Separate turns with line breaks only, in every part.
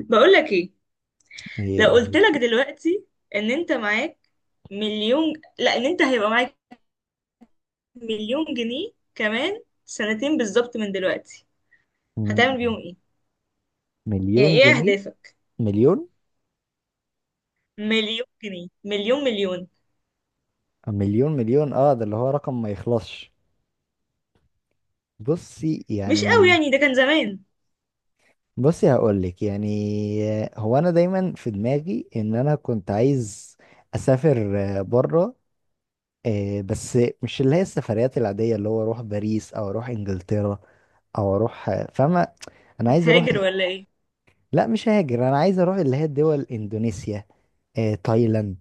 بقول لك ايه؟
إيه،
لو قلت لك دلوقتي ان انت معاك مليون، لا ان انت هيبقى معاك مليون جنيه كمان سنتين بالظبط من دلوقتي، هتعمل
مم،
بيهم ايه؟ يعني
مليون
ايه
جنيه.
اهدافك؟
مليون
مليون جنيه، مليون مليون.
مليون مليون اه، ده اللي هو رقم ما يخلصش. بصي
مش قوي
يعني،
يعني، ده كان زمان.
بصي هقول لك يعني. هو انا دايما في دماغي ان انا كنت عايز اسافر بره بس مش اللي هي السفريات العاديه اللي هو اروح باريس او اروح انجلترا او اروح فاهمه. انا عايز اروح.
هتهاجر ولا ايه؟
لا، مش هاجر. انا عايز اروح اللي هي الدول اندونيسيا، تايلاند،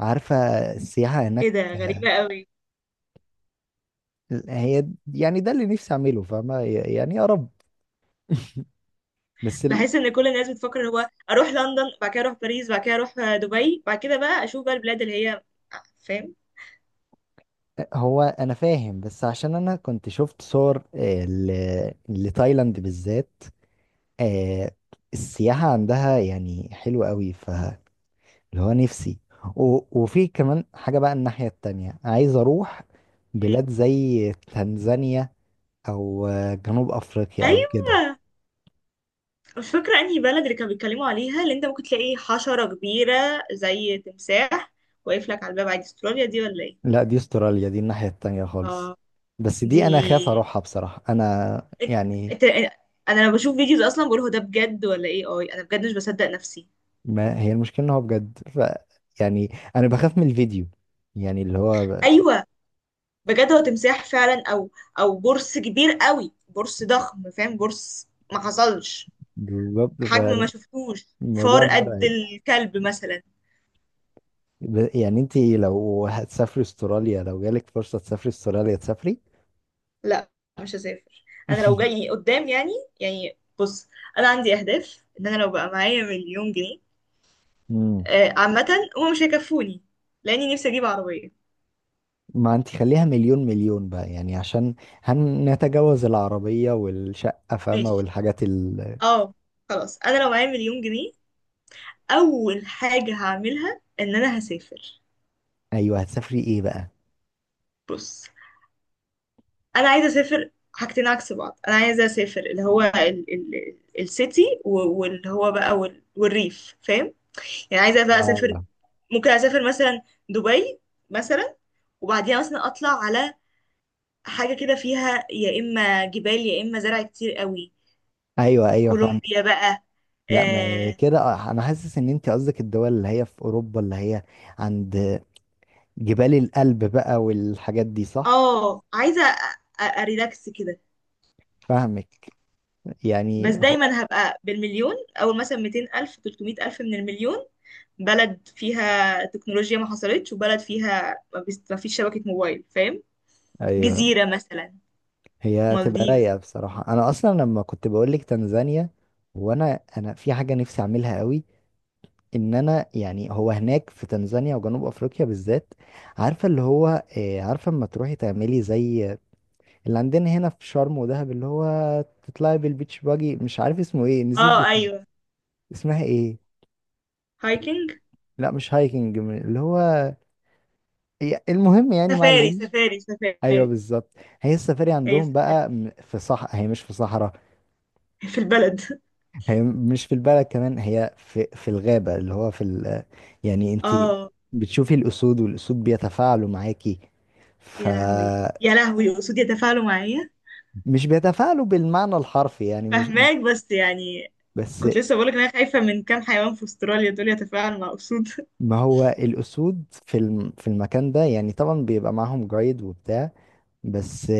عارفه؟ السياحه
ايه
هناك.
ده، غريبة قوي.
هي يعني ده اللي نفسي اعمله، فاهمة؟ يعني يا رب. بس ال...
بحس ان كل الناس بتفكر إن هو اروح لندن، بعد كده اروح باريس، بعد كده اروح دبي، بعد كده بقى اشوف بقى البلاد اللي هي، فاهم؟
هو انا فاهم بس عشان انا كنت شفت صور لتايلاند بالذات. آه، السياحة عندها يعني حلوة قوي فاللي هو نفسي. وفي كمان حاجة بقى. الناحية التانية عايز اروح بلاد زي تنزانيا او جنوب افريقيا او كده.
ايوه. مش فاكرة انهي بلد اللي كانوا بيتكلموا عليها، اللي انت ممكن تلاقي حشرة كبيرة زي تمساح واقف لك على الباب عادي، استراليا دي ولا ايه؟
لا، دي استراليا، دي الناحية التانية خالص.
اه.
بس
دي
دي انا خاف اروحها بصراحة. انا يعني،
انت... انا لما بشوف فيديوز اصلا بقول هو ده بجد ولا ايه، اي انا بجد مش بصدق نفسي.
ما هي المشكلة ان هو بجد ف يعني انا بخاف من الفيديو، يعني اللي هو
ايوه، بجد هو تمساح فعلا، او برص كبير قوي، برص ضخم، فاهم؟ برص ما حصلش
بالظبط.
حجم ما شفتوش،
فالموضوع
فار قد
مرعب.
الكلب مثلا.
يعني انت لو هتسافري استراليا، لو جالك فرصة تسافري استراليا تسافري.
لا مش هسافر. انا لو جاي قدام يعني بص، انا عندي اهداف ان انا لو بقى معايا مليون جنيه
مم.
عامه، هما مش هيكفوني لاني نفسي اجيب عربيه.
ما انت خليها مليون مليون بقى يعني عشان هنتجاوز العربية والشقة، فاهمة؟
ماشي،
والحاجات.
اه. خلاص انا لو معايا مليون جنيه، اول حاجه هعملها ان انا هسافر.
ايوه، هتسافري ايه بقى؟
بص، انا عايزه اسافر حاجتين عكس بعض، انا عايزه اسافر اللي هو ال السيتي واللي هو بقى والريف، فاهم؟ يعني عايزه بقى اسافر.
آه.
ممكن اسافر مثلا دبي مثلا، وبعدين اصلا اطلع على حاجه كده فيها يا اما جبال يا اما زرع كتير قوي،
ايوه ايوه فاهمك.
كولومبيا بقى.
لا ما
اه.
كده، انا حاسس ان انت قصدك الدول اللي هي في اوروبا اللي هي عند جبال القلب بقى والحاجات دي، صح؟
عايزه اريلاكس كده.
فاهمك.
بس
يعني.
دايما هبقى بالمليون، او مثلا 200 الف 300 الف من المليون، بلد فيها تكنولوجيا ما حصلتش، وبلد فيها ما فيش شبكه موبايل، فاهم؟
ايوه،
جزيره مثلا،
هي تبقى
مالديفز.
رايقه بصراحه. انا اصلا لما كنت بقول لك تنزانيا، وانا انا في حاجه نفسي اعملها قوي، ان انا يعني هو هناك في تنزانيا وجنوب افريقيا بالذات، عارفه اللي هو عارفه اما تروحي تعملي زي اللي عندنا هنا في شرم ودهب، اللي هو تطلعي بالبيتش باجي، مش عارف اسمه ايه، نسيت
اه
اسمه.
ايوه.
اسمها ايه؟
هايكنج.
لا مش هايكنج، اللي هو المهم يعني ما
سفاري
علينا.
سفاري
ايوه
سفاري.
بالظبط. هي السفاري
هي
عندهم
سفاري
بقى في، صح، هي مش في صحراء.
في البلد.
هي مش في البلد كمان، هي في في الغابه اللي هو يعني انت
اه.
بتشوفي الاسود، والاسود بيتفاعلوا معاكي.
يا لهوي
فمش
يا لهوي، قصود يتفاعلوا معايا؟
بيتفاعلوا بالمعنى الحرفي يعني، مش
فهماك بس يعني،
بس.
كنت لسه بقولك ان انا خايفه من كام حيوان في استراليا، دول يتفاعلوا مع اسود!
ما هو الاسود في في المكان ده يعني طبعا بيبقى معاهم جايد وبتاع، بس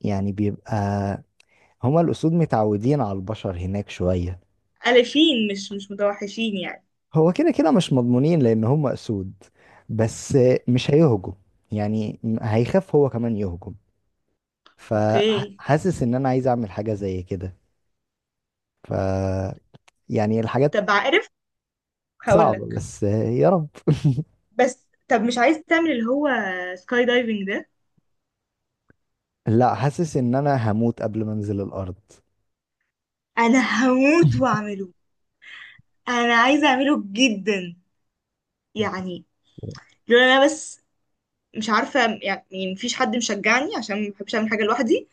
يعني بيبقى، هما الاسود متعودين على البشر هناك شويه.
الفين، مش متوحشين يعني.
هو كده كده مش مضمونين لان هم اسود، بس مش هيهجم يعني. هيخاف هو كمان يهجم.
اوكي.
فحاسس ان انا عايز اعمل حاجة زي كده. ف يعني الحاجات
طب عارف،
صعبة،
هقولك،
بس يا رب.
بس طب مش عايز تعمل اللي هو سكاي دايفنج ده؟
لا، حاسس ان انا هموت قبل ما انزل الارض.
انا هموت واعمله، انا عايزه اعمله جدا يعني، لولا انا بس، مش عارفة، يعني مفيش حد مشجعني عشان ما بحبش اعمل حاجة لوحدي.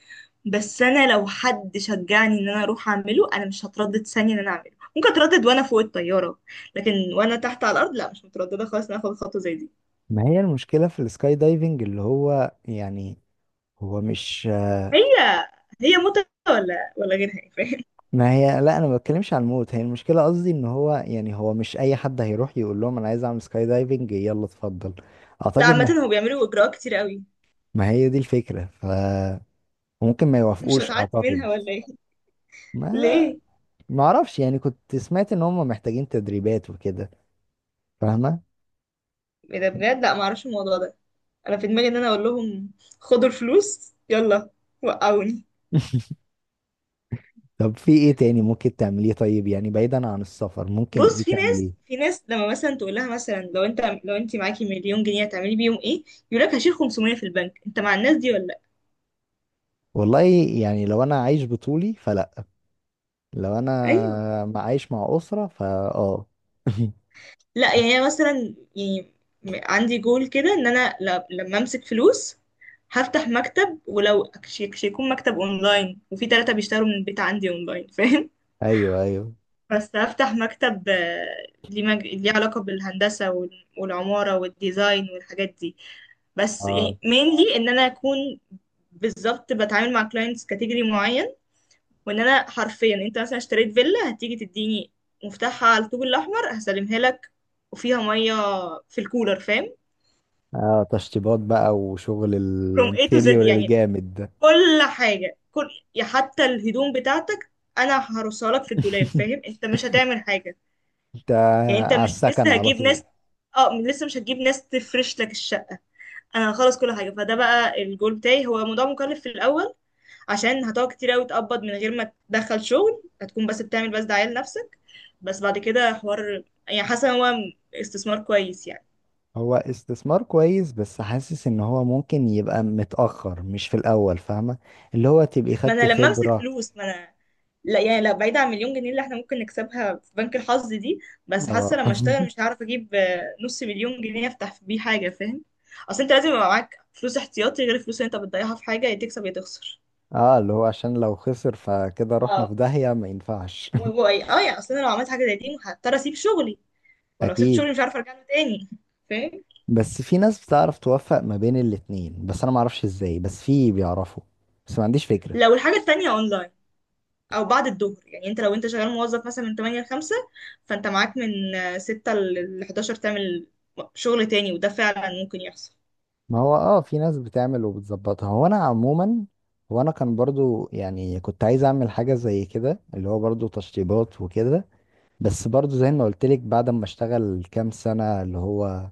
بس انا لو حد شجعني ان انا اروح اعمله، انا مش هتردد ثانية ان انا اعمله. ممكن اتردد وانا فوق الطيارة، لكن وانا تحت على الارض لا مش مترددة خالص ان أنا اخد خطوة زي دي.
ما هي المشكلة في السكاي دايفنج اللي هو يعني، هو مش.
هي هي متعة ولا غيرها يعني، فاهم؟
ما هي لا، انا ما بتكلمش على الموت هي المشكلة. قصدي ان هو يعني هو مش اي حد هيروح يقول لهم انا عايز اعمل سكاي دايفنج يلا اتفضل.
لا
اعتقد
عامة هو بيعملوا اجراءات كتير قوي،
ما هي دي الفكرة ف، وممكن ما
مش
يوافقوش
هتعدي
اعتقد.
منها ولا ايه؟
ما
ليه؟
ما اعرفش يعني، كنت سمعت ان هم محتاجين تدريبات وكده، فاهمة؟
ايه ده بجد؟ لا معرفش الموضوع ده. انا في دماغي ان انا اقول لهم خدوا الفلوس يلا وقعوني.
طب في ايه تاني ممكن تعمليه؟ طيب يعني بعيدا عن السفر ممكن ايه
بص، في ناس
تعمليه؟
في ناس لما مثلا تقول لها مثلا، لو انت معاكي مليون جنيه هتعملي بيهم ايه، يقول لك هشيل 500 في البنك، انت مع الناس دي ولا لا؟
والله يعني، لو انا عايش بطولي فلا، لو
ايوه.
انا عايش مع اسرة فا اه.
لا يعني انا مثلا يعني، عندي جول كده ان انا لما امسك فلوس هفتح مكتب، ولو يكون مكتب اونلاين وفي ثلاثة بيشتغلوا من البيت عندي اونلاين، فاهم؟
ايوه ايوه.
بس هفتح مكتب. ليه علاقة بالهندسة والعمارة والديزاين والحاجات دي، بس
اه.
يعني mainly ان انا اكون، بالظبط، بتعامل مع كلاينتس كاتيجوري معين، وان انا حرفيا انت مثلا اشتريت فيلا هتيجي تديني مفتاحها على الطوب الاحمر هسلمها لك وفيها ميه في الكولر، فاهم؟
اه، تشطيبات بقى وشغل
from A to Z
الانتيريور
يعني،
الجامد ده.
كل حاجه، كل، يا حتى الهدوم بتاعتك انا هرصها لك في الدولاب، فاهم؟ انت مش هتعمل حاجه،
انت
يعني انت
على
مش
السكن
لسه
على
هجيب
طول.
ناس. اه لسه مش هتجيب ناس تفرش لك الشقه، انا هخلص كل حاجه. فده بقى الجول بتاعي، هو موضوع مكلف في الاول عشان هتقعد كتير قوي تقبض من غير ما تدخل شغل، هتكون بس بتعمل بس دعاية لنفسك، بس بعد كده حوار، يعني حاسة إن هو استثمار كويس يعني.
هو استثمار كويس بس حاسس ان هو ممكن يبقى متأخر، مش في الاول، فاهمة؟ اللي هو تبقي
ما
خدتي
انا لما امسك
خبرة.
فلوس ما انا، لا يعني، لا بعيد عن مليون جنيه اللي احنا ممكن نكسبها في بنك الحظ دي، بس حاسة
اه.
لما اشتغل مش هعرف اجيب نص مليون جنيه افتح بيه حاجة، فاهم؟ اصل انت لازم يبقى معاك فلوس احتياطي غير الفلوس اللي انت بتضيعها في حاجة يا تكسب يا تخسر.
اه، اللي هو عشان لو خسر فكده رحنا في
اه.
داهية، ما ينفعش.
ايه، اه يعني، اصل انا لو عملت حاجة زي دي هضطر اسيب شغلي، ولو سبت
اكيد.
شغلي مش عارفة ارجع له تاني، فاهم؟
بس في ناس بتعرف توفق ما بين الاتنين، بس انا ما اعرفش ازاي، بس في بيعرفوا، بس ما عنديش فكرة.
لو الحاجة التانية اونلاين او بعد الظهر، يعني انت لو شغال موظف مثلا من 8 ل 5، فانت معاك من 6 ل 11 تعمل شغل تاني، وده فعلا ممكن يحصل.
ما هو اه في ناس بتعمل وبتظبطها. هو انا عموما، هو انا كان برضو يعني كنت عايز اعمل حاجة زي كده اللي هو برضو تشطيبات وكده. بس برضو زي ما قلت لك بعد ما اشتغل كام سنة اللي هو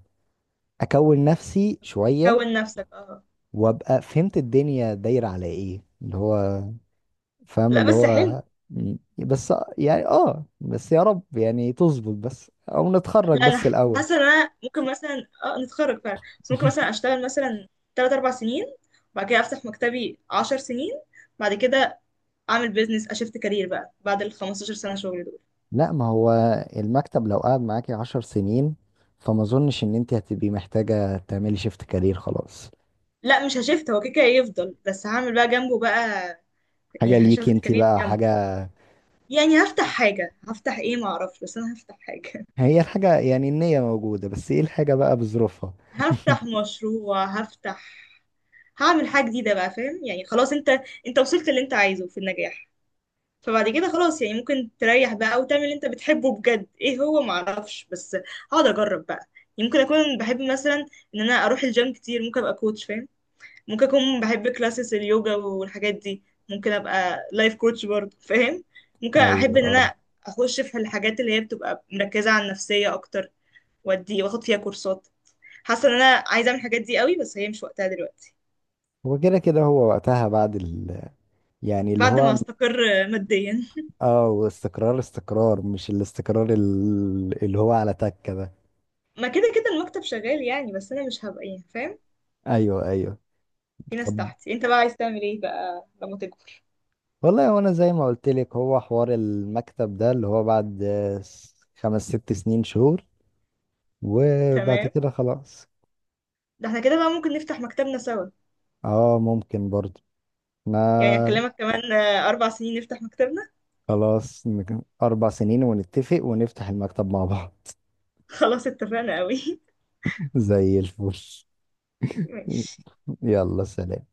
اكون نفسي شوية،
كون نفسك، اه.
وابقى فهمت الدنيا دايرة على ايه، اللي هو فاهم
لا
اللي
بس حلو.
هو بس يعني اه، بس يا رب يعني تظبط، بس او نتخرج
لا انا
بس الاول.
حاسه ان انا ممكن مثلا نتخرج فعلا، بس ممكن مثلا اشتغل مثلا 3 4 سنين، وبعد كده افتح مكتبي 10 سنين، بعد كده اعمل بيزنس، اشفت كارير بقى بعد ال 15 سنه شغل دول.
لا ما هو المكتب لو قعد معاكي 10 سنين، فما اظنش ان انت هتبقي محتاجة تعملي شيفت كارير خلاص.
لا مش هشفت، هو كده كده يفضل، بس هعمل بقى جنبه بقى،
حاجة
يعني
ليكي
هشفت
انت
كارير
بقى
جنبه.
حاجة.
يعني هفتح حاجة، هفتح ايه معرفش، بس انا هفتح حاجة.
هي الحاجة يعني النية موجودة، بس ايه الحاجة بقى بظروفها.
هفتح مشروع، هفتح، هعمل حاجة جديدة بقى، فاهم؟ يعني خلاص انت وصلت اللي انت عايزه في النجاح، فبعد كده خلاص يعني ممكن تريح بقى وتعمل اللي انت بتحبه بجد. ايه هو؟ معرفش، بس هقعد اجرب بقى. يعني ممكن اكون بحب مثلا ان انا اروح الجيم كتير، ممكن ابقى كوتش، فاهم؟ ممكن اكون بحب كلاسز اليوجا والحاجات دي، ممكن ابقى لايف كوتش برضه، فاهم؟ ممكن
ايوه
احب ان
آه.
انا اخش في الحاجات اللي هي بتبقى مركزة على النفسية اكتر، وادي واخد فيها كورسات. حاسه ان انا عايزه اعمل الحاجات دي قوي، بس هي مش وقتها دلوقتي.
هو كده كده هو وقتها بعد يعني اللي
بعد ما
هو
استقر ماديا.
اه، واستقرار استقرار مش الاستقرار اللي هو على تكة ده.
ما كده كده المكتب شغال يعني، بس انا مش هبقى يعني، فاهم؟
ايوه ايوه.
في ناس
طب
تحتي. انت بقى عايز تعمل ايه بقى لما تكبر؟
والله وانا زي ما قلت لك، هو حوار المكتب ده اللي هو بعد 5 6 سنين شهور، وبعد
تمام.
كده خلاص.
ده احنا كده بقى ممكن نفتح مكتبنا سوا،
اه ممكن برضه.
يعني
احنا
اكلمك كمان اربع سنين نفتح مكتبنا.
خلاص 4 سنين ونتفق ونفتح المكتب مع بعض.
خلاص، اتفقنا قوي.
زي الفل.
ماشي.
يلا سلام.